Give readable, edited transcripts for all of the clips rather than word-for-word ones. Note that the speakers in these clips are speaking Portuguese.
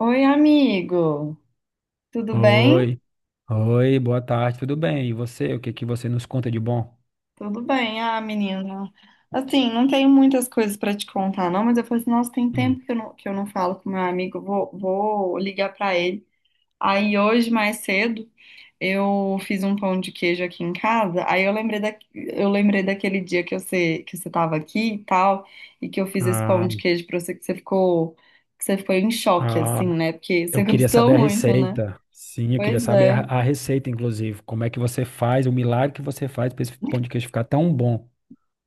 Oi, amigo. Tudo bem? Oi, boa tarde, tudo bem? E você, o que que você nos conta de bom? Tudo bem, menina. Assim, não tenho muitas coisas para te contar, não, mas eu falei assim, nossa, tem Hum, tempo que eu não falo com meu amigo, vou ligar para ele. Aí hoje, mais cedo, eu fiz um pão de queijo aqui em casa, aí eu lembrei daquele dia que você tava aqui e tal, e que eu fiz esse pão Ah, de queijo para você, que você ficou em choque, ah, assim, né? Porque você eu queria gostou saber a muito, né? receita. Sim, eu queria Pois saber é. a receita, inclusive. Como é que você faz, o milagre que você faz para esse pão de queijo ficar tão bom?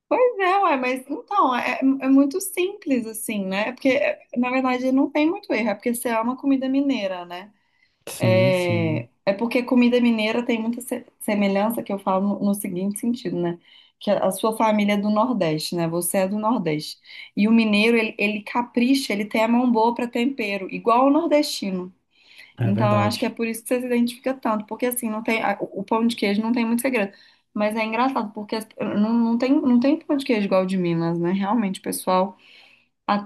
Pois é, ué, mas então, é muito simples assim, né? É porque, é, na verdade, não tem muito erro, é porque você ama comida mineira, né? Sim, É, sim, é porque comida mineira tem muita semelhança, que eu falo no seguinte sentido, né? Que a sua família é do Nordeste, né? Você é do Nordeste. E o mineiro, ele capricha, ele tem a mão boa para tempero, igual o nordestino. é Então, eu acho que é verdade. por isso que você se identifica tanto, porque assim, não tem, a- o pão de queijo não tem muito segredo. Mas é engraçado, porque não tem, não tem pão de queijo igual o de Minas, né? Realmente, o pessoal.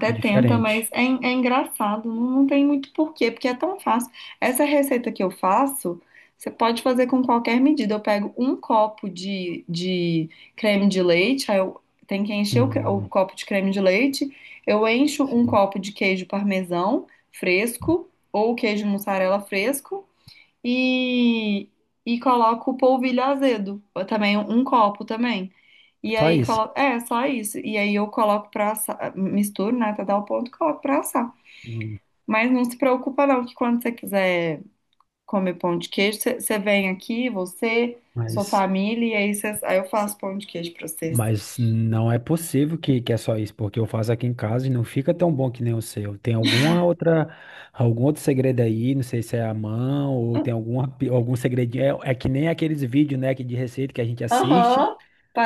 É tenta, mas diferente. é, é engraçado, não, não tem muito porquê, porque é tão fácil. Essa receita que eu faço, você pode fazer com qualquer medida. Eu pego um copo de creme de leite, aí eu tenho que encher o Hum, copo de creme de leite, eu encho um sim, copo de queijo parmesão fresco, ou queijo mussarela fresco, e, e coloco polvilho azedo, ou também um copo também. E só aí, isso. É só isso. E aí eu coloco pra assar, misturo, né, até dar o ponto, coloco pra assar. E- Mas não se preocupa não, que quando você quiser comer pão de queijo, você vem aqui, você, sua mas família, e aí, aí eu faço pão de queijo pra vocês. Mas não é possível que é só isso, porque eu faço aqui em casa e não fica tão bom que nem o seu. Tem alguma outra, algum outro segredo aí, não sei se é a mão ou tem alguma, algum segredinho. É que nem aqueles vídeos, né, que de receita que a gente assiste, Aham,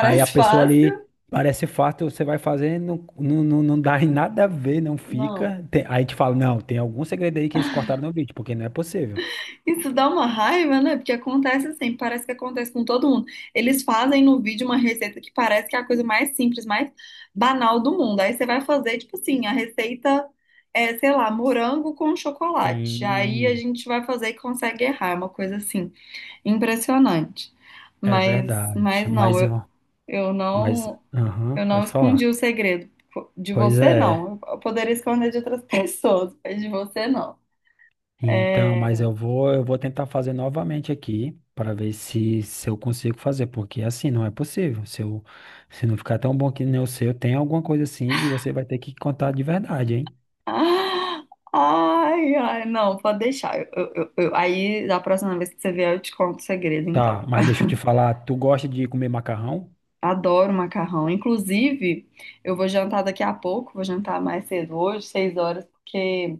aí a pessoa ali fácil. parece fácil, você vai fazer, não dá em nada a ver, não Não. fica. Aí a gente fala, não, tem algum segredo aí que eles cortaram no vídeo, porque não é possível. Isso dá uma raiva, né? Porque acontece assim, parece que acontece com todo mundo. Eles fazem no vídeo uma receita que parece que é a coisa mais simples, mais banal do mundo. Aí você vai fazer, tipo assim, a receita é, sei lá, morango com chocolate. Aí a Sim, gente vai fazer e consegue errar, é uma coisa assim, impressionante. é verdade. Mas não, eu mas, não, aham, eu não pode falar. escondi o segredo. De Pois você, é. não. Eu poderia esconder de outras pessoas, mas de você, não. Então, É, eu vou tentar fazer novamente aqui para ver se eu consigo fazer, porque assim não é possível. Se não ficar tão bom que nem o seu, tem alguma coisa assim e você vai ter que contar de verdade, hein? ah, ai, não, pode deixar. Da próxima vez que você vier, eu te conto o segredo, Tá, então. mas deixa eu te falar, tu gosta de comer macarrão? Adoro macarrão. Inclusive, eu vou jantar daqui a pouco, vou jantar mais cedo hoje, 6 horas, porque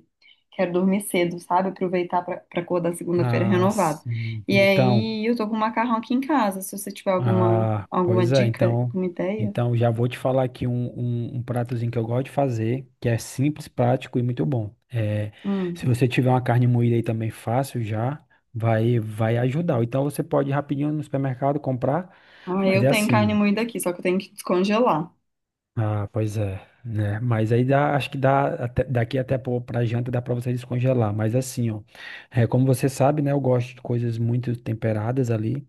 quero dormir cedo, sabe? Aproveitar pra acordar segunda-feira Ah, renovado. sim. E Então, aí, eu tô com macarrão aqui em casa, se você tiver ah, alguma pois é, dica, então, alguma ideia. então já vou te falar aqui um pratozinho que eu gosto de fazer, que é simples, prático e muito bom. É, Hum. se você tiver uma carne moída aí também fácil já, vai ajudar. Ou então você pode ir rapidinho no supermercado comprar, Ah, mas eu é tenho assim, carne ó. moída aqui, só que eu tenho que descongelar. Ah, pois é, né? Mas aí dá, acho que dá pra janta dá pra você descongelar. Mas assim, ó, é, como você sabe, né? Eu gosto de coisas muito temperadas ali.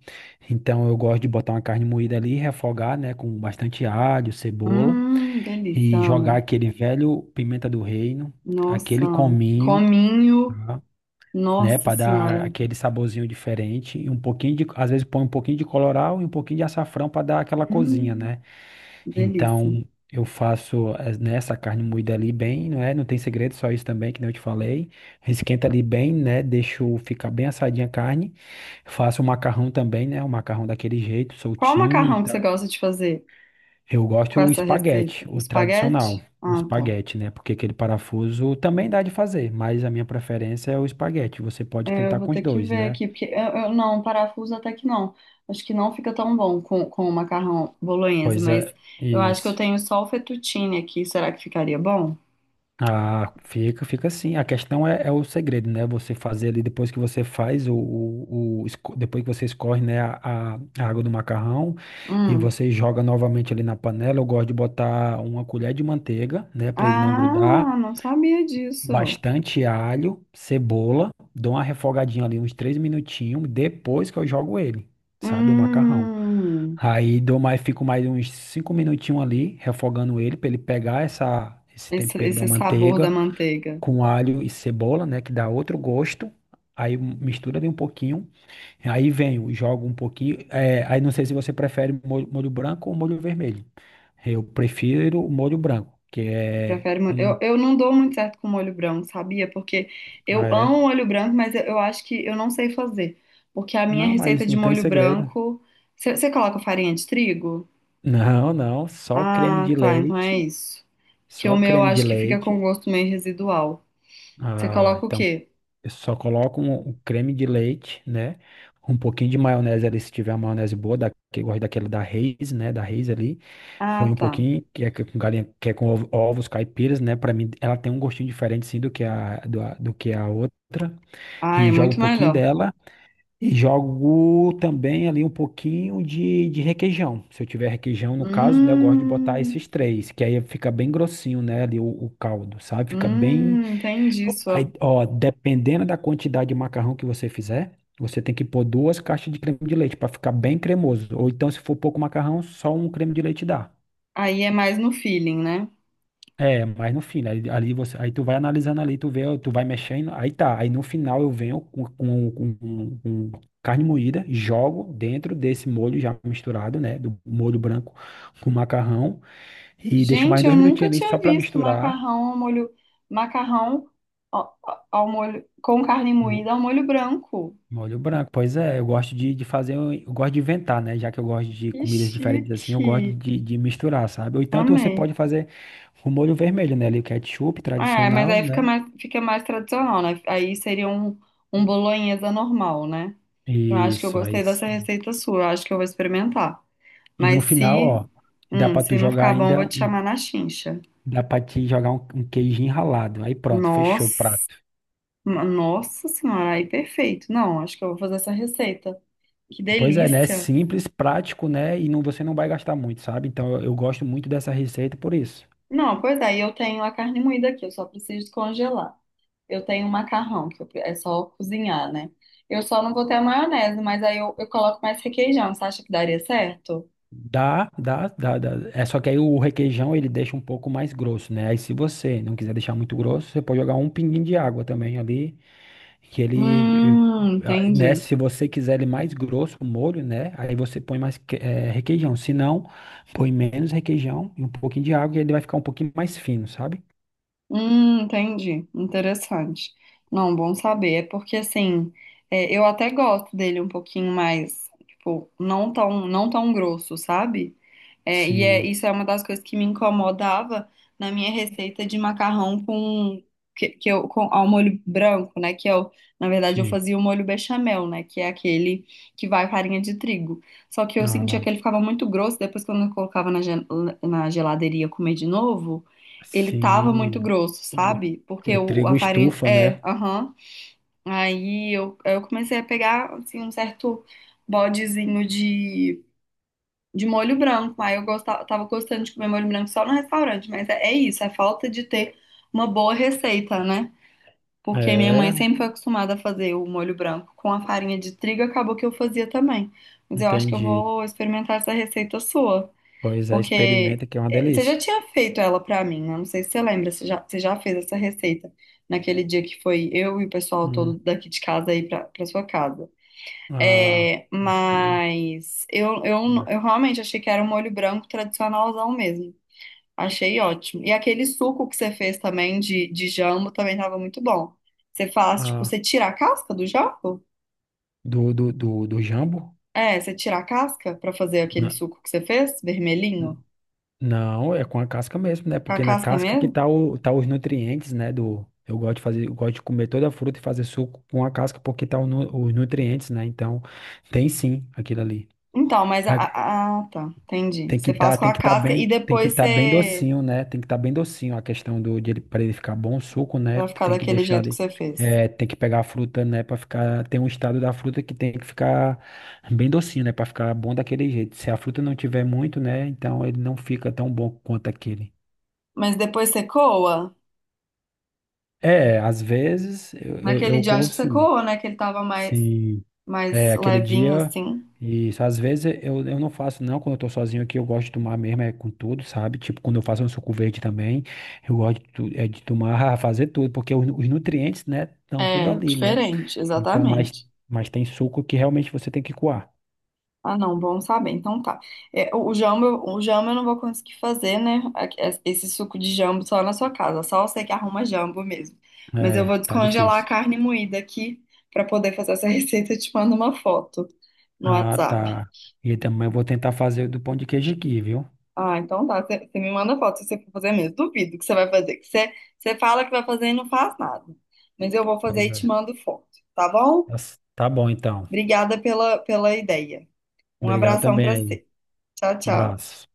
Então eu gosto de botar uma carne moída ali, refogar, né? Com bastante alho, cebola Delícia, e jogar amo. aquele velho pimenta do reino, Nossa, aquele cominho, cominho, tá? Né? nossa Para dar senhora. aquele saborzinho diferente e um pouquinho de, às vezes põe um pouquinho de colorau e um pouquinho de açafrão para dar aquela cozinha, Hum, né? delícia. Então, eu faço né, essa carne moída ali bem, não é? Não tem segredo, só isso também, que nem eu te falei. Esquenta ali bem, né? Deixo ficar bem assadinha a carne. Faço o macarrão também, né? O macarrão daquele jeito, Qual soltinho e macarrão que você tal. gosta de fazer Eu com gosto o essa receita? espaguete, O espaguete? o Ah, tá. espaguete, né? Porque aquele parafuso também dá de fazer, mas a minha preferência é o espaguete. Você pode É, eu tentar vou com os ter que dois, ver né? aqui, porque não, parafuso até que não. Acho que não fica tão bom com o macarrão bolonhesa, mas Coisa, eu acho que eu isso. tenho só o fettuccine aqui. Será que ficaria bom? Ah, fica, fica assim. A questão é o segredo, né? Você fazer ali depois que você faz depois que você escorre, né, a água do macarrão e Hum. você joga novamente ali na panela. Eu gosto de botar uma colher de manteiga, né, para ele não grudar. Ah, não sabia disso. Bastante alho, cebola, dou uma refogadinha ali uns três minutinhos depois que eu jogo ele, sabe, o macarrão. Hum, Aí dou mais, fico mais uns cinco minutinhos ali refogando ele para ele pegar essa esse tempero da esse sabor da manteiga manteiga. com alho e cebola, né, que dá outro gosto. Aí mistura ali um pouquinho, aí venho, jogo um pouquinho. É, aí não sei se você prefere molho branco ou molho vermelho. Eu prefiro o molho branco, que é Prefere molho. um. Eu não dou muito certo com molho branco, sabia? Porque Ah, eu amo é? molho branco, mas eu acho que eu não sei fazer. Porque a minha Não, mas receita de não tem molho segredo. branco. Você coloca farinha de trigo? Não, não, Ah, tá. Então é isso. Que o só meu eu creme de acho que fica com leite. gosto meio residual. Você Ah, coloca o então quê? eu só coloco um creme de leite, né? Um pouquinho de maionese ali, se tiver uma maionese boa, que eu gosto daquela da Reis, né? Da Reis ali. Põe Ah, um tá. pouquinho, que é com galinha, que é com ovos caipiras, né? Pra mim, ela tem um gostinho diferente, sim, do que do que a outra. Ah, é E jogo um muito pouquinho melhor. dela. E jogo também ali um pouquinho de requeijão. Se eu tiver requeijão, no caso, né? Eu gosto de botar Hum, esses três, que aí fica bem grossinho, né? Ali o caldo, sabe? Fica bem. Entendi Aí, sua. ó, dependendo da quantidade de macarrão que você fizer, você tem que pôr duas caixas de creme de leite para ficar bem cremoso. Ou então, se for pouco macarrão, só um creme de leite dá. Aí é mais no feeling, né? É, mas no fim, né, ali, ali você, aí tu vai analisando ali, tu vê, tu vai mexendo, aí tá. Aí no final eu venho com carne moída, jogo dentro desse molho já misturado, né? Do molho branco com macarrão e deixo mais Gente, eu dois nunca minutinhos ali só tinha para visto misturar. macarrão ao molho, macarrão ao, ao molho com carne moída ao molho branco. Molho branco, pois é, eu gosto de fazer, eu gosto de inventar, né? Já que eu gosto de Que comidas diferentes assim, eu gosto chique. De misturar, sabe? Ou então você pode Amei. fazer o molho vermelho, né? Ali o ketchup É, mas tradicional, aí né? Fica mais tradicional, né? Aí seria um, um bolonhesa normal, né? Eu acho que eu Isso, é gostei isso. dessa receita sua, eu acho que eu vou experimentar. E no Mas final, ó, se, dá pra tu se não jogar ficar bom, eu ainda vou te um, chamar na chincha. dá pra te jogar um queijinho ralado. Aí pronto, fechou o Nossa, prato. nossa senhora, aí perfeito. Não, acho que eu vou fazer essa receita. Que Pois é, né? delícia. Simples, prático, né? E não, você não vai gastar muito, sabe? Então eu gosto muito dessa receita por isso. Não, pois é, e eu tenho a carne moída aqui, eu só preciso congelar. Eu tenho o macarrão, que é só cozinhar, né? Eu só não vou ter a maionese, mas aí eu coloco mais requeijão. Você acha que daria certo? Dá, dá, dá, dá. É só que aí o requeijão ele deixa um pouco mais grosso, né? Aí se você não quiser deixar muito grosso, você pode jogar um pinguinho de água também ali, que ele, eh, ah, né? Entendi. Se você quiser ele mais grosso, o molho, né? Aí você põe mais requeijão. Se não, põe menos requeijão e um pouquinho de água e ele vai ficar um pouquinho mais fino, sabe? Entendi. Interessante. Não, bom saber. É porque assim, é, eu até gosto dele um pouquinho mais, tipo, não tão, não tão grosso, sabe? Sim, Isso é uma das coisas que me incomodava na minha receita de macarrão com que eu com ao molho branco, né? Que eu, na verdade, eu sim. fazia o molho bechamel, né? Que é aquele que vai farinha de trigo. Só que eu sentia Ah, que ele ficava muito grosso. Depois, quando eu colocava na geladeira e ia comer de novo ele tava muito sim. grosso, O, sabe? Porque o trigo a farinha. estufa, É, né? aham. Aí eu comecei a pegar, assim, um certo bodezinho de molho branco. Aí eu gostava, tava gostando de comer molho branco só no restaurante. Mas é, é isso, é falta de ter uma boa receita, né? Porque minha mãe É, sempre foi acostumada a fazer o molho branco com a farinha de trigo, acabou que eu fazia também. Mas eu acho que eu entendi. vou experimentar essa receita sua. Pois é, Porque experimenta que é uma eh, você já delícia. tinha feito ela pra mim, né? Não sei se você lembra, você já fez essa receita naquele dia que foi eu e o pessoal Hum, todo daqui de casa aí pra sua casa. ah, É, acho que mas eu realmente achei que era um molho branco tradicionalzão mesmo. Achei ótimo. E aquele suco que você fez também de jambo também tava muito bom. Você faz, tipo, ah, você tira a casca do jambo? do, do jambo? É, você tira a casca pra fazer aquele Na- suco que você fez, vermelhinho? n- Não, é com a casca mesmo, né? Com a Porque na casca casca que mesmo? tá, o, tá os nutrientes, né? Do, eu gosto de fazer, eu gosto de comer toda a fruta e fazer suco com a casca porque tá os nutrientes, né? Então, tem sim aquilo ali. Então, ah, tá, entendi. Tem que Você faz estar, com tem a que tá casca e bem, tem que depois tá bem você docinho, né? Tem que estar bem docinho a questão do de ele para ele ficar bom o suco, né? vai ficar Tem que daquele deixar jeito que de, você fez. é, tem que pegar a fruta, né, para ficar, tem um estado da fruta que tem que ficar bem docinho, né, para ficar bom daquele jeito. Se a fruta não tiver muito, né, então ele não fica tão bom quanto aquele. Mas depois você coa. É, às vezes Naquele eu dia como acho que você sim. coa, né? Que ele tava Sim. mais É, aquele levinho dia, assim. e às vezes eu não faço, não, quando eu tô sozinho aqui, eu gosto de tomar mesmo, é com tudo, sabe? Tipo, quando eu faço um suco verde também, eu gosto é, de tomar, fazer tudo, porque os nutrientes, né, estão tudo É, ali, né? diferente, Então, exatamente. mas tem suco que realmente você tem que coar. Ah, não, bom saber. Então tá. É, o jamba, o jambo eu não vou conseguir fazer, né? A- Esse suco de jambo só na sua casa. Só você que arruma jambo mesmo. Mas eu vou É, tá descongelar a difícil. carne moída aqui pra poder fazer essa receita e te mando uma foto no Ah, WhatsApp. tá. E também eu vou tentar fazer do pão de queijo aqui, viu? Ah, então tá. Você me manda foto se você for fazer mesmo. Duvido que você vai fazer. Que você, você fala que vai fazer e não faz nada. Mas eu vou fazer Pois e é. te mando foto, tá bom? Tá tá bom, então. Obrigada pela ideia. Um Obrigado abração também pra aí. você. Tchau, tchau. Abraço.